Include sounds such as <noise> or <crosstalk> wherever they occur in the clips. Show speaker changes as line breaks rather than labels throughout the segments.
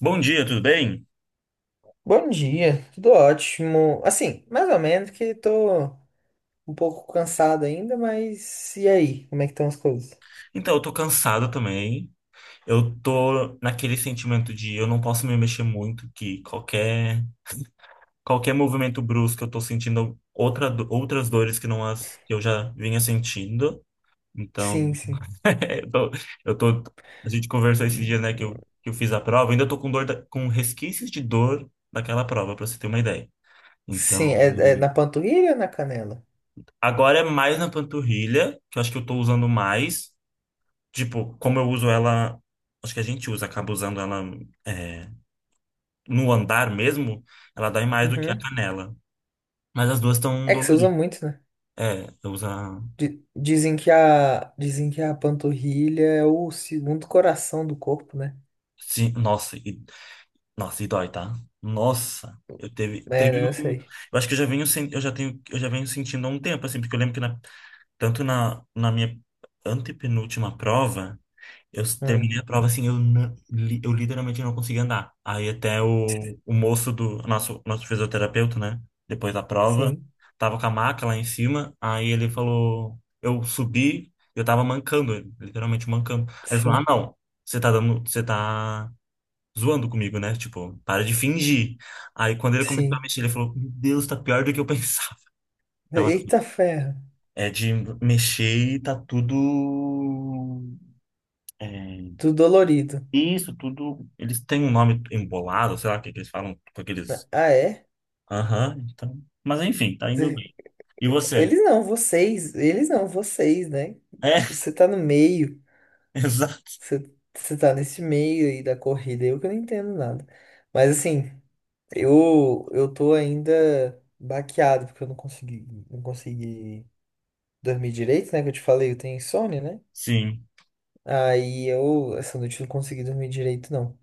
Bom dia, tudo bem?
Bom dia, tudo ótimo. Assim, mais ou menos que tô um pouco cansado ainda, mas e aí? Como é que estão as coisas?
Então, eu tô cansado também. Eu tô naquele sentimento de eu não posso me mexer muito, que qualquer movimento brusco eu tô sentindo outra, outras dores que não as que eu já vinha sentindo.
Sim,
Então,
sim.
<laughs> eu tô, eu tô- a gente conversou esses dias, né, que eu fiz a prova, ainda tô com com resquícios de dor daquela prova, pra você ter uma ideia.
Sim,
Então,
é, é na panturrilha ou na canela?
agora é mais na panturrilha, que eu acho que eu tô usando mais. Tipo, como eu uso ela, acho que acaba usando ela é, no andar mesmo, ela dói mais do que a
Uhum.
canela. Mas as duas estão
É que você usa
doloridas.
muito, né?
É, eu uso.
Dizem que a panturrilha é o segundo coração do corpo, né?
Sim, nossa, e, nossa, e dói, tá? Nossa, eu
É,
teve
né? Eu
um.
sei.
Eu acho que eu já venho sentindo há um tempo, assim, porque eu lembro que tanto na minha antepenúltima prova. Eu
Hum.
terminei a prova assim, eu literalmente não conseguia andar. Aí até o moço do nosso fisioterapeuta, né? Depois da prova,
Sim,
tava com a maca lá em cima. Aí ele falou, eu subi, eu tava mancando, literalmente mancando. Aí ele falou, ah,
sim,
não, você tá zoando comigo, né? Tipo, para de fingir. Aí quando ele começou a
sim.
mexer, ele falou, meu Deus, tá pior do que eu <laughs> pensava. Então, assim,
Eita ferro,
é de mexer e tá tudo. é,
tudo dolorido.
E isso tudo, eles têm um nome embolado, sei lá o que que eles falam com aqueles.
Ah, é?
Aham, então. Mas enfim, tá indo bem. E você?
Eles não, vocês, né?
É,
Você tá no meio,
<laughs> exato.
você, você tá nesse meio aí da corrida, eu que não entendo nada. Mas assim, eu tô ainda baqueado, porque eu não consegui, não consegui dormir direito, né? Que eu te falei, eu tenho insônia, né?
Sim.
Aí eu, essa noite eu não consegui dormir direito, não.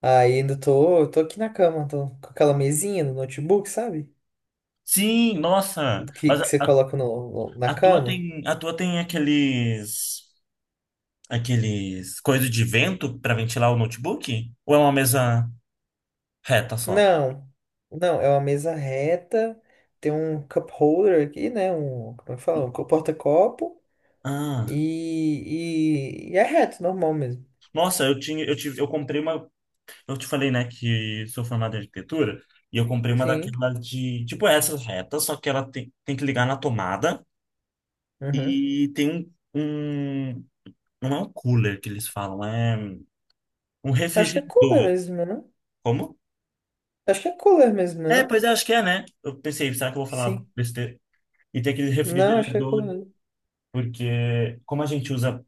Aí ainda tô aqui na cama, tô com aquela mesinha no notebook, sabe?
Sim, nossa.
Que,
Mas
que você coloca na cama.
a tua tem aqueles coisas de vento para ventilar o notebook? Ou é uma mesa reta só?
Não, não, é uma mesa reta, tem um cup holder aqui, né? Um, como é que fala? Um porta-copo
Ah,
e, e é reto, normal mesmo.
nossa, eu comprei uma. Eu te falei, né, que sou formado em arquitetura e eu comprei uma
Sim.
daquelas de, tipo, essas retas, só que ela tem que ligar na tomada
Uhum.
e tem um, não é um cooler que eles falam, é um
Acho que é cooler
refrigerador.
mesmo, né? Não?
Como?
Acho que é cooler mesmo, né?
É,
Não?
pois é, acho que é, né? Eu pensei, será que eu vou falar
Sim.
besteira? E tem aquele
Não, acho que é
refrigerador,
cooler mesmo.
porque como a gente usa,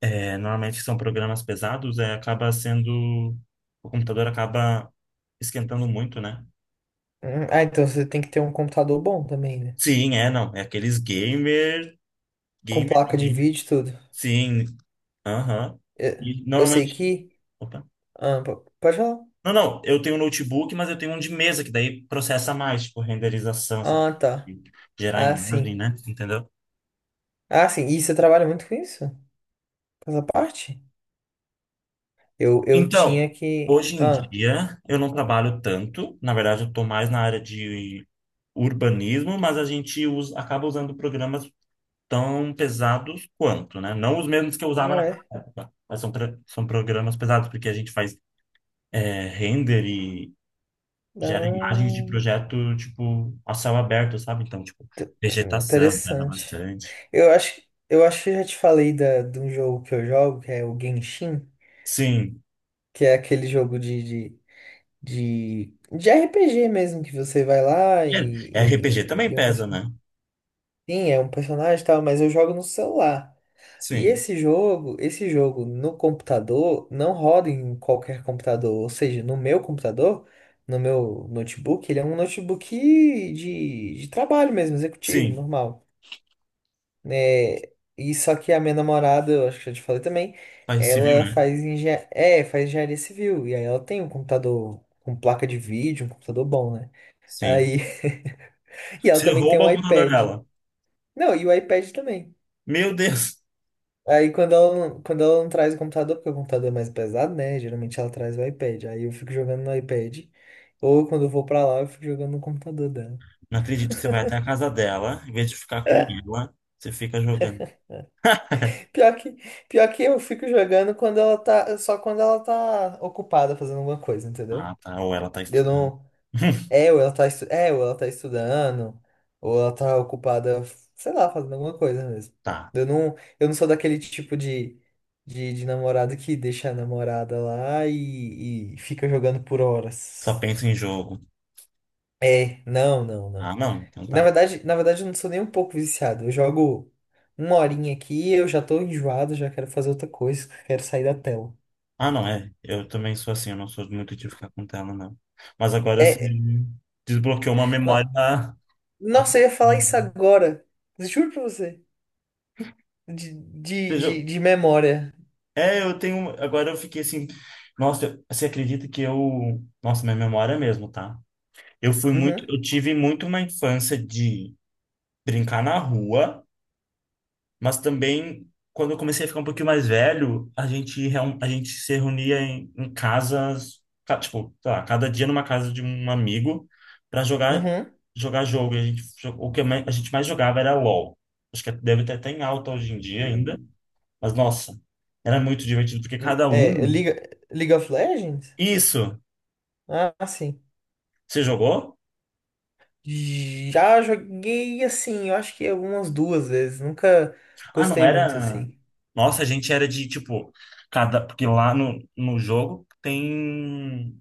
é, normalmente são programas pesados, é, acaba sendo, o computador acaba esquentando muito, né?
Uhum. Ah, então você tem que ter um computador bom também, né?
Sim, é, não. É aqueles gamers.
Com
Gamer,
placa de
gamer.
vídeo e tudo.
Sim. Aham.
Eu,
E
eu sei
normalmente.
que.
Opa.
Ah, pode falar?
Não, não, eu tenho um notebook, mas eu tenho um de mesa, que daí processa mais, tipo, renderização, essa...
Ah, tá.
gerar
Ah,
imagem,
sim.
né? Entendeu?
Ah, sim. E você trabalha muito com isso? Com essa parte? Eu
Então,
tinha que.
hoje em
Ah,
dia, eu não trabalho tanto. Na verdade, eu estou mais na área de urbanismo, mas acaba usando programas tão pesados quanto, né? Não os mesmos que eu usava
ah,
naquela
é.
época, mas são programas pesados, porque a gente faz é, render e gera imagens de
Ah,
projeto, tipo, a céu aberto, sabe? Então, tipo, vegetação pesa
interessante.
bastante.
Eu acho, eu acho que eu já te falei de um jogo que eu jogo, que é o Genshin,
Sim.
que é aquele jogo de RPG mesmo, que você vai lá
É, RPG também
e é um
pesa, né?
Sim, é um personagem e tal, mas eu jogo no celular. E
Sim.
esse jogo no computador, não roda em qualquer computador. Ou seja, no meu computador, no meu notebook, ele é um notebook de trabalho mesmo, executivo,
Sim.
normal. É, e só que a minha namorada, eu acho que já te falei também,
Faz civil,
ela
né?
faz, engen é, faz engenharia civil. E aí ela tem um computador com placa de vídeo, um computador bom, né?
Sim.
Aí, <laughs> e ela
Você
também tem
rouba
um
o computador
iPad.
dela.
Não, e o iPad também.
Meu Deus!
Aí quando ela não traz o computador, porque o computador é mais pesado, né? Geralmente ela traz o iPad. Aí eu fico jogando no iPad. Ou quando eu vou pra lá, eu fico jogando no computador dela.
Não acredito que você vai até a casa dela, em vez de ficar com
<laughs>
ela, você fica jogando. <laughs>
Pior que, pior que eu fico jogando quando ela tá, só quando ela tá ocupada fazendo alguma coisa, entendeu?
Ah, tá. Ou ela tá
Eu
estudando.
não.
<laughs>
É, ou ela tá estudando, ou ela tá ocupada, sei lá, fazendo alguma coisa mesmo.
Tá.
Eu não sou daquele tipo de namorado que deixa a namorada lá e fica jogando por
Só
horas.
pensa em jogo.
É, não, não,
Ah,
não.
não. Então tá.
Na verdade, eu não sou nem um pouco viciado. Eu jogo uma horinha aqui, eu já tô enjoado, já quero fazer outra coisa, quero sair da tela.
Ah, não, é. Eu também sou assim, eu não sou muito de ficar com tela, não. Mas agora
É,
você
é,
desbloqueou uma
no-
memória. Ah,
nossa, eu ia falar isso agora. Juro pra você.
veja, eu-
De memória.
É, eu tenho. Agora eu fiquei assim. Você acredita que eu. Nossa, minha memória mesmo, tá? Eu fui muito.
Uhum,
Eu tive muito uma infância de brincar na rua. Mas também, quando eu comecei a ficar um pouquinho mais velho, a gente se reunia em, em tipo, sei lá, cada dia numa casa de um amigo para jogar jogo. E a gente mais jogava era LOL. Acho que deve ter até em alta hoje em dia ainda.
uhum.
Mas, nossa, era muito divertido, porque cada
É,
um...
League of Legends?
Isso!
Ah, sim.
Você jogou?
Já joguei assim, eu acho que algumas duas vezes. Nunca
Ah, não
gostei muito
era...
assim.
Nossa, a gente era de, tipo, cada... Porque lá no jogo tem...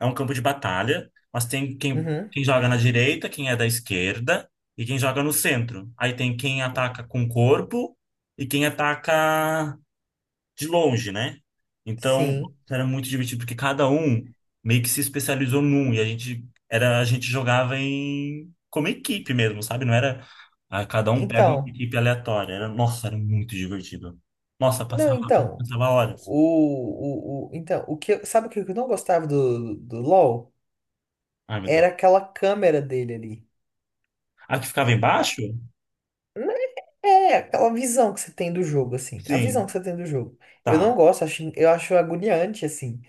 É um campo de batalha, mas tem
Uhum,
quem joga na direita, quem é da esquerda e quem joga no centro. Aí tem quem ataca com o corpo e quem ataca de longe, né? Então,
sim.
era muito divertido porque cada um meio que se especializou num e a gente jogava em como equipe mesmo, sabe? Não era ah, cada um pega uma
Então,
equipe aleatória. Era, nossa, era muito divertido. Nossa,
não, então.
passava horas.
Sabe o que eu não gostava do LoL?
Ai, meu
Era
Deus.
aquela câmera dele ali.
A que ficava
A-
embaixo?
né, aquela visão que você tem do jogo, assim. A visão
Sim,
que você tem do jogo. Eu
tá.
não gosto, eu acho agoniante, assim.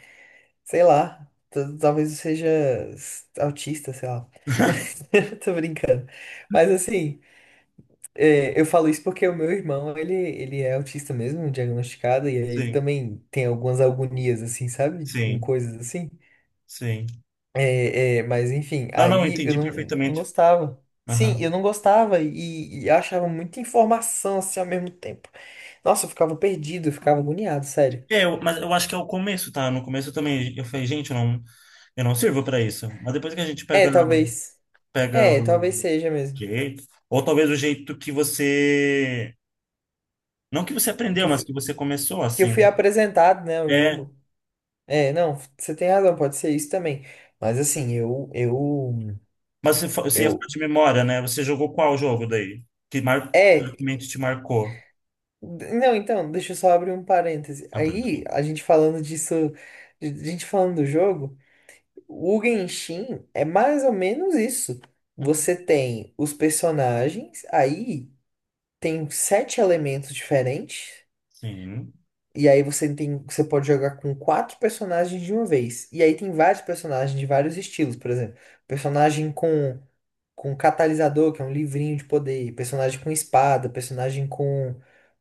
Sei lá, talvez eu seja autista, sei lá. <laughs> Mas <laughs> tô brincando. Mas assim, é, eu falo isso porque o meu irmão, ele é autista mesmo, diagnosticado, e ele
Sim.
também tem algumas agonias, assim, sabe? Com
Sim,
coisas assim.
sim.
É, é, mas enfim,
Não, não,
aí eu
entendi
não, não
perfeitamente.
gostava. Sim,
Aham.
eu não gostava e achava muita informação assim ao mesmo tempo. Nossa, eu ficava perdido, eu ficava agoniado, sério.
Mas eu acho que é o começo, tá? No começo eu também, eu falei, gente, eu não sirvo pra isso. Mas depois que
É, talvez.
pega
É, talvez
o
seja mesmo.
jeito, ou talvez o jeito que você, não que você
que
aprendeu,
eu
mas que você começou,
que eu
assim.
fui
Né?
apresentado, né, o
É,
jogo. É, não, você tem razão, pode ser isso também. Mas assim,
mas você ia falar
eu,
de memória, né? Você jogou qual jogo daí? Que
é,
realmente te marcou?
não, então, deixa eu só abrir um parêntese.
Ah, tá,
Aí,
desculpa.
a gente falando disso, de gente falando do jogo, o Genshin é mais ou menos isso.
Uhum.
Você tem os personagens, aí tem sete elementos diferentes.
Sim.
E aí você tem, você pode jogar com quatro personagens de uma vez. E aí tem vários personagens de vários estilos, por exemplo, personagem com catalisador, que é um livrinho de poder, personagem com espada, personagem com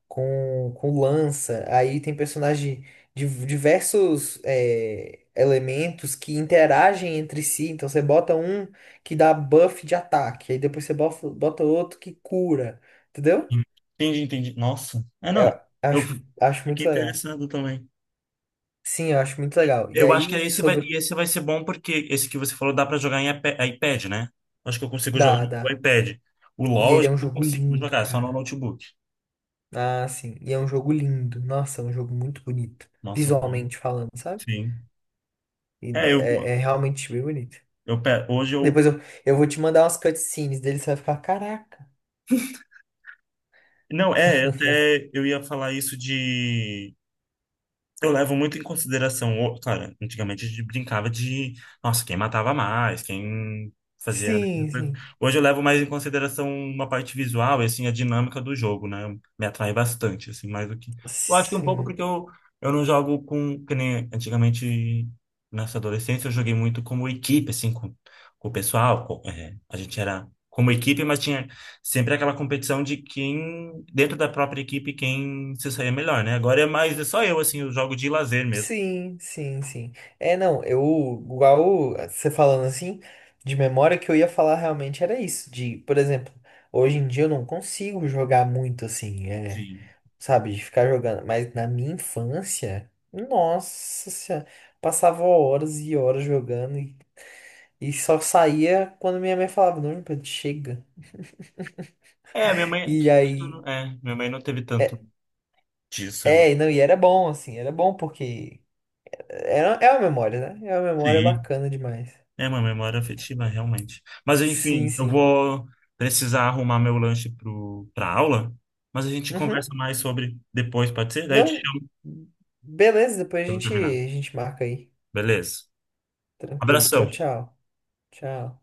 com, com lança. Aí tem personagem de diversos é, elementos que interagem entre si. Então você bota um que dá buff de ataque, aí depois você bota outro que cura, entendeu?
Entendi, entendi. Nossa. É,
É,
não.
Eu
Eu
acho
fiquei
muito legal.
interessado também.
Sim, eu acho muito legal. E
Eu acho que
aí,
é
sobre.
e esse vai ser bom porque esse que você falou dá pra jogar em é iPad, né? Acho que eu consigo jogar
Dá,
no
dá.
iPad. O
E
LoL eu
ele
já
é um
não
jogo
consigo
lindo,
jogar, só no
cara.
notebook.
Ah, sim. E é um jogo lindo. Nossa, é um jogo muito bonito.
Nossa, o LoL,
Visualmente falando, sabe?
sim.
E
É,
é, é realmente bem bonito.
eu pe- hoje eu
Depois eu, eu vou te mandar umas cutscenes dele, você vai ficar, caraca.
não, é, eu
<laughs>
até eu ia falar isso de. Eu levo muito em consideração, claro, antigamente a gente brincava de, nossa, quem matava mais, quem fazia, né?
Sim, sim.
Hoje eu levo mais em consideração uma parte visual e, assim, a dinâmica do jogo, né? Me atrai bastante, assim, mais do que... Eu acho que um pouco
Sim.
porque eu não jogo com, que nem antigamente, nessa adolescência, eu joguei muito como equipe, assim, com o pessoal, é, a gente era como equipe, mas tinha sempre aquela competição de quem, dentro da própria equipe, quem se sair melhor, né? Agora é mais, é só eu, assim, eu jogo de lazer mesmo.
Sim, sim, sim. É, não, eu, igual você falando assim, de memória que eu ia falar realmente era isso, de, por exemplo, hoje em dia eu não consigo jogar muito assim, é,
Sim.
sabe? De ficar jogando. Mas na minha infância, nossa senhora, passava horas e horas jogando e só saía quando minha mãe falava, não, Pedro, chega.
É, minha mãe,
E
acho que eu
aí,
não- é, minha mãe não teve tanto
é,
disso, eu acho.
é, não, e era bom, assim, era bom porque era, é uma memória, né? É uma memória
Sim.
bacana demais.
É uma memória afetiva, realmente. Mas
Sim,
enfim, eu
sim.
vou precisar arrumar meu lanche pra aula, mas a gente
Uhum.
conversa mais sobre depois, pode ser? Daí eu te
Não,
chamo
beleza, depois
quando eu terminar.
a gente marca aí.
Beleza.
Tranquilo. Tchau,
Abração.
tchau. Tchau.